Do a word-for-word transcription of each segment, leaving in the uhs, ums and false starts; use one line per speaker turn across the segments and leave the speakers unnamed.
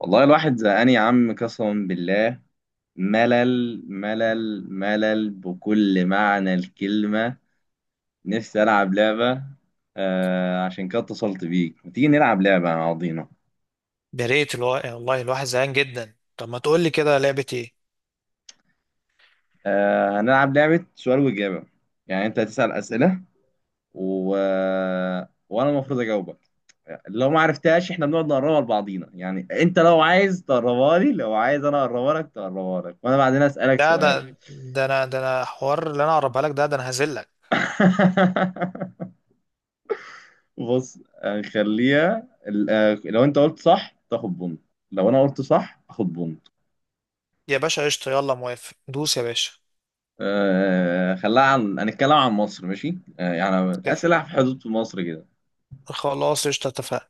والله الواحد زهقان يا عم، قسما بالله. ملل ملل ملل بكل معنى الكلمة. نفسي ألعب لعبة. آه عشان كده اتصلت بيك، ما تيجي نلعب لعبة مع بعضينا؟
يا ريت الو... والله الواحد زهقان جدا. طب ما تقول لي كده لعبة ايه؟
آه هنلعب لعبة سؤال وإجابة. يعني أنت هتسأل أسئلة و... وأنا المفروض أجاوبك. لو ما عرفتهاش إحنا بنقعد نقربها لبعضينا، يعني أنت لو عايز تقربها لي، لو عايز أنا أقربها لك تقربها لك، وأنا بعدين أسألك
ده ده
سؤال.
ده انا ده انا حوار اللي انا اقربها لك. ده ده انا هذلك.
بص، آه، خليها ال- آه، لو انت قلت صح تاخد بونت، لو انا قلت صح اخد بونت.
يا باشا قشطة، يلا موافق، دوس يا باشا.
آه خليها، عن هنتكلم عن مصر، ماشي؟ آه يعني
ك-
اسئله في حدود مصر كده،
خلاص قشطة اتفقنا.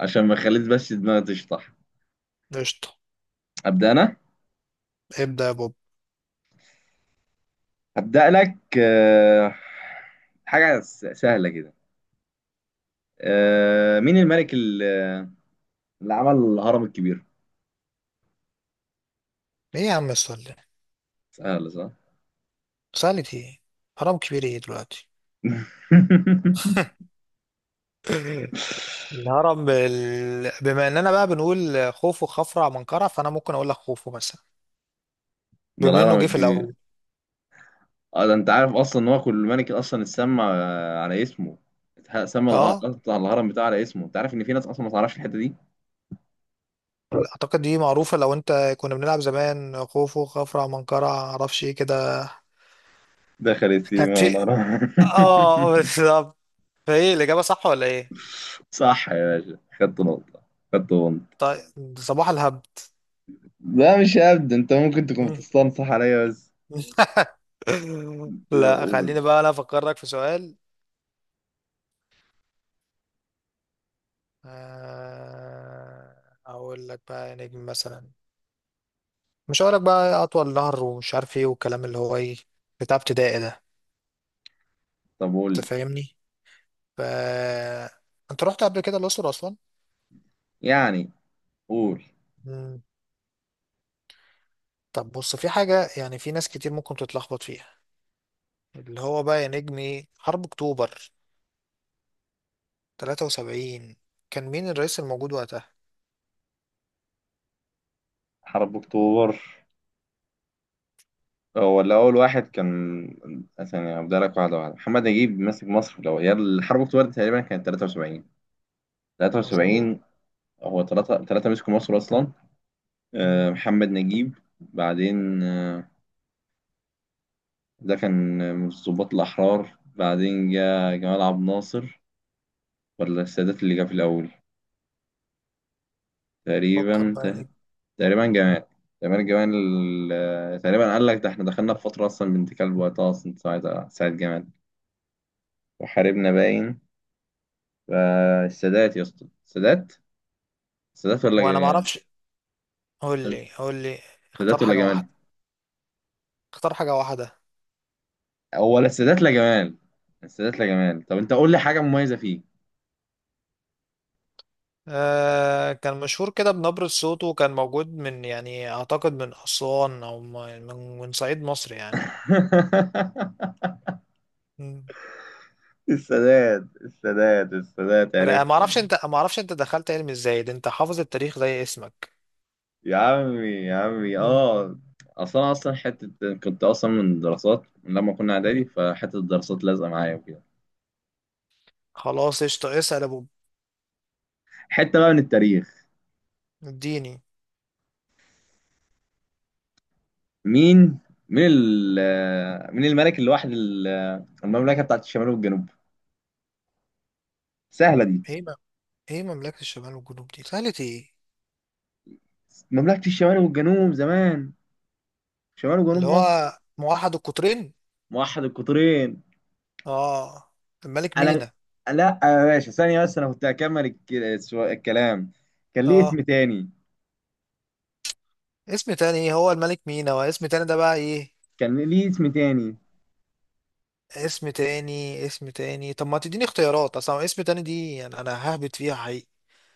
عشان ما خليت بس دماغي تشطح.
قشطة
ابدا انا،
ابدأ يا بوب.
هبدا لك. آه حاجه س- سهله كده. آه مين الملك ال- اللي عمل الهرم الكبير؟
ايه يا عم السؤال ده؟
سهله، صح؟
سألت ايه؟ هرم كبير ايه دلوقتي؟ الهرم بال... بما اننا بقى بنقول خوفو خفرع منقرع، فانا ممكن اقول لك خوفو مثلا،
ده
بما انه
الهرم
جه في الاول.
الكبير. اه، ده انت عارف اصلا ان هو كل ملك اصلا اتسمى آه، على اسمه، اتح- سمى الأ-
اه،
اصلا الهرم بتاعه على اسمه. انت عارف ان في ناس اصلا ما تعرفش الحته دي.
اعتقد دي معروفه، لو انت كنا بنلعب زمان خوفو خفرع منقرع معرفش ايه كده.
دخلت سيما
هتشي.
ونرى.
اه بالظبط. فايه الاجابه صح ولا ايه؟
صح يا باشا، خدت نقطه، خدت بونت.
طيب، صباح الهبد.
لا مش هبد، انت ممكن تكون
مم.
بتستنصح عليا بس. لا
لا
قول.
خليني بقى انا افكرك في سؤال. آه، اقول لك بقى يا نجم مثلا، مش هقول لك بقى اطول نهر ومش عارف ايه، والكلام اللي هو ايه بتاع ابتدائي ده،
طب قول
انت
لي.
فاهمني. ف انت رحت قبل كده الاقصر
يعني قول.
اصلا؟ طب بص، في حاجة يعني في ناس كتير ممكن تتلخبط فيها، اللي هو بقى يا نجمي حرب أكتوبر ثلاثة وسبعين، كان مين الرئيس الموجود وقتها؟
حرب اكتوبر، هو اللي اول واحد كان. ثانية، هبدأ لك واحدة واحدة. محمد نجيب ماسك مصر، لو هي الحرب اكتوبر دي تقريبا كانت تلاتة وسبعين.
مظبوط.
تلاتة وسبعين. هو ثلاثة ثلاثة مسكوا مصر أصلا.
مم.
آه، محمد نجيب. بعدين آه، ده كان من الضباط الأحرار. بعدين جاء جمال عبد الناصر، ولا السادات اللي جه في الأول؟
فكر
تقريبا
بقى يا
ت-
نجمي.
تقريبا جمال. تقريبا جمال. ال- تقريبا، قال لك، ده احنا دخلنا في فترة أصلا بنت كلب وقتها أصلا، ساعة ساعة جمال وحاربنا، باين فالسادات. يا اسطى السادات. السادات ولا
هو أنا
ج-
معرفش، قول لي قول لي، اختار
السادات ولا
حاجة
جمال؟
واحدة، اختار حاجة واحدة.
هو لا السادات لا جمال. السادات لا جمال، طب أنت قول لي حاجة مميزة فيه.
آه كان مشهور كده بنبرة صوته، وكان موجود من، يعني أعتقد من أسوان، أو من من من صعيد مصر يعني. مم.
السادات السادات السادات،
رائع.
عرفته.
معرفش أنت، معرفش أنت دخلت علم إزاي ده، أنت حافظ التاريخ زي اسمك.
يا عمي يا عمي،
مم.
اه. اصلا اصلا حته، كنت اصلا من الدراسات، من لما كنا اعدادي،
مم.
فحته الدراسات لازقه معايا وكده.
خلاص قشطة، اسأل يا أبو.
حته بقى من التاريخ.
اديني.
مين مين ال- مين الملك اللي واحد ال- المملكه بتاعت الشمال والجنوب؟ سهله دي.
ايه م- ايه مملكة الشمال والجنوب دي سهلة ايه؟
مملكه الشمال والجنوب زمان، شمال وجنوب
اللي
مصر.
هو موحد القطرين.
موحد القطرين.
اه، الملك
انا،
مينا.
لا يا باشا، ثانية بس، انا كنت هكمل الك- السو- الكلام. كان ليه
اه.
اسم تاني.
اسم تاني ايه؟ هو الملك مينا، واسم تاني ده بقى ايه؟
كان ليه اسم تاني.
اسم تاني، اسم تاني، طب ما تديني اختيارات اصلا. اسم تاني دي يعني انا ههبط فيها حقيقي.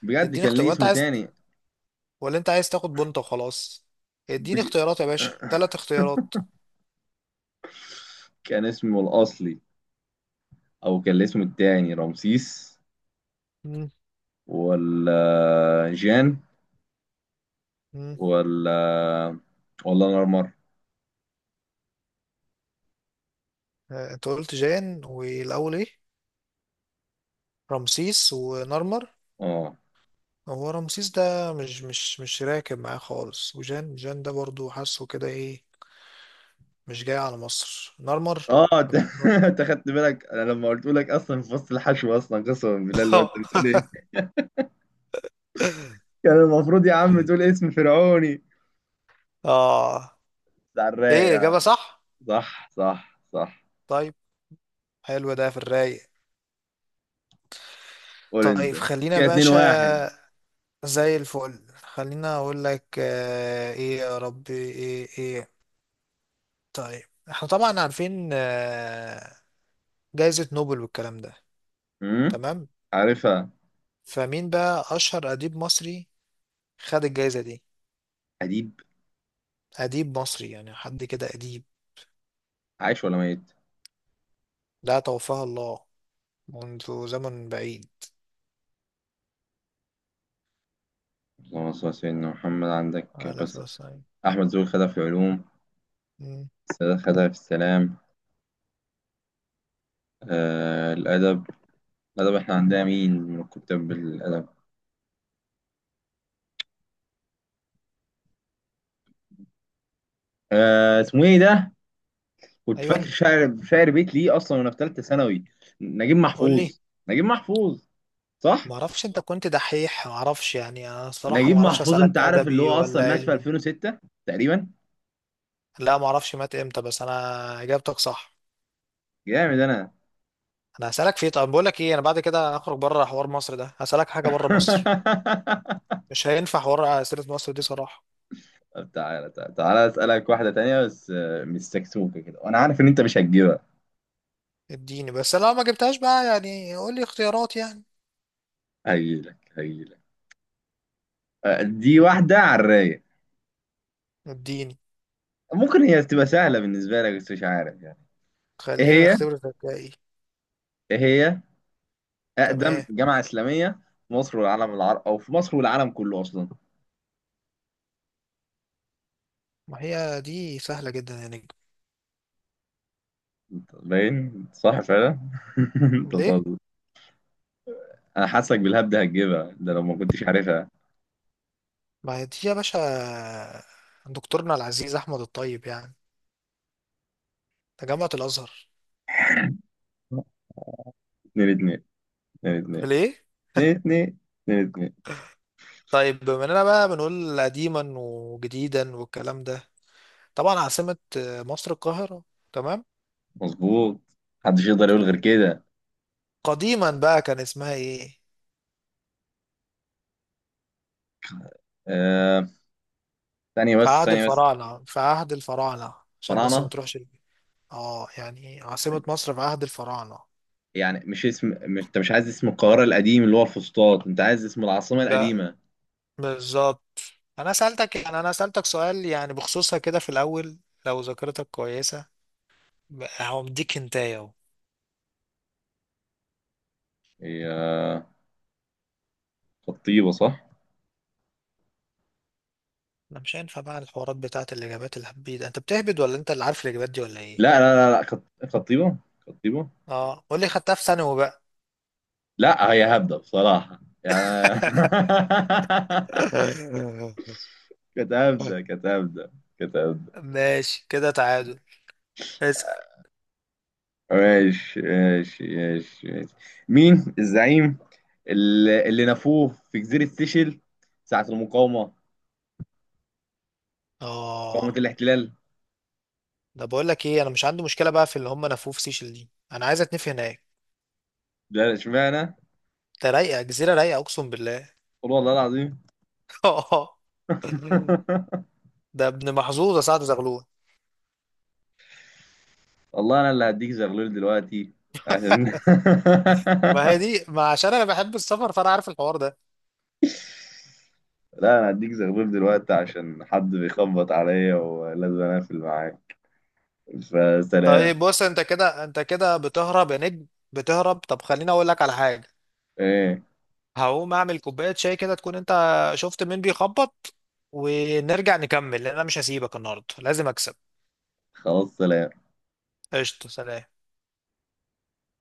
بجد
اديني
كان
اختيار
ليه
وانت
اسم
عايز،
تاني.
ولا انت عايز تاخد بنت وخلاص؟ اديني
بج...
اختيارات يا باشا، ثلاث اختيارات.
كان اسمه الأصلي، أو كان الاسم التاني رمسيس،
مم.
ولا جان،
مم.
ولا ولا نرمر.
آه، انت قلت جان والاول ايه؟ رمسيس ونرمر.
اه.
هو رمسيس ده مش مش مش راكب معاه خالص، وجان جان ده برضو حاسه كده ايه، مش جاي على مصر. نرمر.
اه انت،
لما يكون-
أنت خدت بالك انا لما قلت لك اصلا في فصل الحشو اصلا، قسما بالله، اللي هو انت بتقول ايه؟ كان المفروض يا عم تقول اسم فرعوني
اه.
بتاع
ايه،
الرايق.
اجابة صح؟
صح صح صح.
طيب، حلو ده في الرايق.
قول انت.
طيب خلينا
كده اتنين واحد.
باشا، زي الفل. خلينا اقول لك، آه ايه يا ربي، ايه ايه. طيب احنا طبعا عارفين آه جائزة نوبل والكلام ده،
امم
تمام.
عارفها.
فمين بقى اشهر اديب مصري خد الجائزة دي؟
اديب،
أديب مصري، يعني حد كده أديب.
عايش ولا ميت؟
لا، توفاه الله منذ زمن بعيد.
اللهم صل على سيدنا محمد عندك
على
بس.
أساس.
احمد زويل خدها في العلوم،
أمم.
السادات خدها في السلام. آه الادب. الادب، احنا عندنا مين من كتاب الادب؟ آه اسمه ايه ده؟ كنت فاكر
أيوة
شاعر شاعر بيت ليه اصلا، وانا في ثالثه ثانوي. نجيب
قول لي.
محفوظ. نجيب محفوظ. صح.
ما اعرفش انت كنت دحيح، ما اعرفش يعني، انا الصراحه
نجيب
ما اعرفش
محفوظ، انت
اسالك
عارف اللي
ادبي
هو اصلا
ولا
مات في
علمي.
ألفين وستة تقريبا.
لا ما اعرفش مات امتى، بس انا اجابتك صح.
جامد انا.
انا هسالك في طب، بقول لك ايه، انا بعد كده هخرج بره حوار مصر ده، هسالك حاجه بره مصر، مش هينفع حوار اسئله مصر دي صراحه.
طب تعالى تعالى تعالى، اسالك واحده تانية بس. آه، مش سكسوكه كده، وانا عارف ان انت مش هتجيبها.
اديني، بس لو ما جبتهاش بقى يعني قول لي اختيارات يعني.
هجيلك هجيلك. آه، دي واحده على الرايق.
اديني،
ممكن هي تبقى سهله بالنسبه لك، بس مش عارف يعني. ايه
خلينا
هي
نختبر ذكائي.
ايه هي
تمام.
اقدم جامعه اسلاميه في مصر والعالم العربي، او في مصر والعالم كله اصلا.
ما هي دي سهلة جدا يا نجم.
أنت باين صح فعلا. انت
ليه؟
بتهزر. انا حاسك بالهبد هتجيبها ده لو ما كنتش عارفها.
ما هي دي يا باشا، دكتورنا العزيز أحمد الطيب يعني، تجمعة الأزهر.
اتنين اتنين، اتنين اتنين،
ليه؟
اتنين اتنين، اتنين اتنين.
طيب بما إننا بقى بنقول قديما وجديدا والكلام ده، طبعا عاصمة مصر القاهرة، تمام؟
مظبوط. محدش يقدر يقول غير
طيب
كده.
قديما بقى كان اسمها إيه؟
آه، ثانية
في
بس،
عهد
ثانية بس.
الفراعنة، في عهد الفراعنة، عشان بس ما
فراعنة.
تروحش ال- اه، يعني عاصمة مصر في عهد الفراعنة.
يعني مش اسم، مش انت مش عايز اسم القاهرة القديم اللي هو الفسطاط، انت عايز اسم العاصمة
ده
القديمة.
بالظبط، انا سألتك، يعني انا سألتك سؤال يعني بخصوصها كده في الاول، لو ذاكرتك كويسة. هو مديك هنتاية اهو.
هي خطيبة، صح؟
انا مش هينفع بقى الحوارات بتاعت الاجابات الهبيد، انت بتهبد ولا انت اللي عارف الاجابات دي ولا ايه؟
لا لا لا لا، خط... خطيبة، خطيبة.
اه قول لي، خدتها في ثانوي بقى.
لا، هي هبدة بصراحة يعني. كانت هبدة، كانت هبدة، كانت هبدة.
ماشي كده، تعادل. اسأل.
ماشي ماشي ماشي ماشي. مين الزعيم اللي, اللي نفوه في جزيرة سيشل، ساعة المقاومة، مقاومة
اه،
الاحتلال؟
ده بقول لك ايه، انا مش عندي مشكلة بقى في اللي هم نفوه في سيشل دي، انا عايز اتنفي هناك.
لا، اشمعنى؟
ده رايقة، جزيرة رايقة اقسم بالله.
قول والله العظيم.
ده ابن محظوظ يا سعد زغلول.
والله انا اللي هديك زغلول دلوقتي عشان
ما هي دي، ما عشان انا بحب السفر فانا عارف الحوار ده.
لا، انا هديك زغلول دلوقتي عشان حد بيخبط عليا ولازم اقفل معاك. فسلام.
طيب بص، انت كده انت كده بتهرب يا نجم، بتهرب. طب خليني اقول لك على حاجه.
ايه،
هقوم اعمل كوبايه شاي كده، تكون انت شفت مين بيخبط، ونرجع نكمل، لان انا مش هسيبك النهارده، لازم اكسب.
خلاص، سلام.
قشطه، سلام.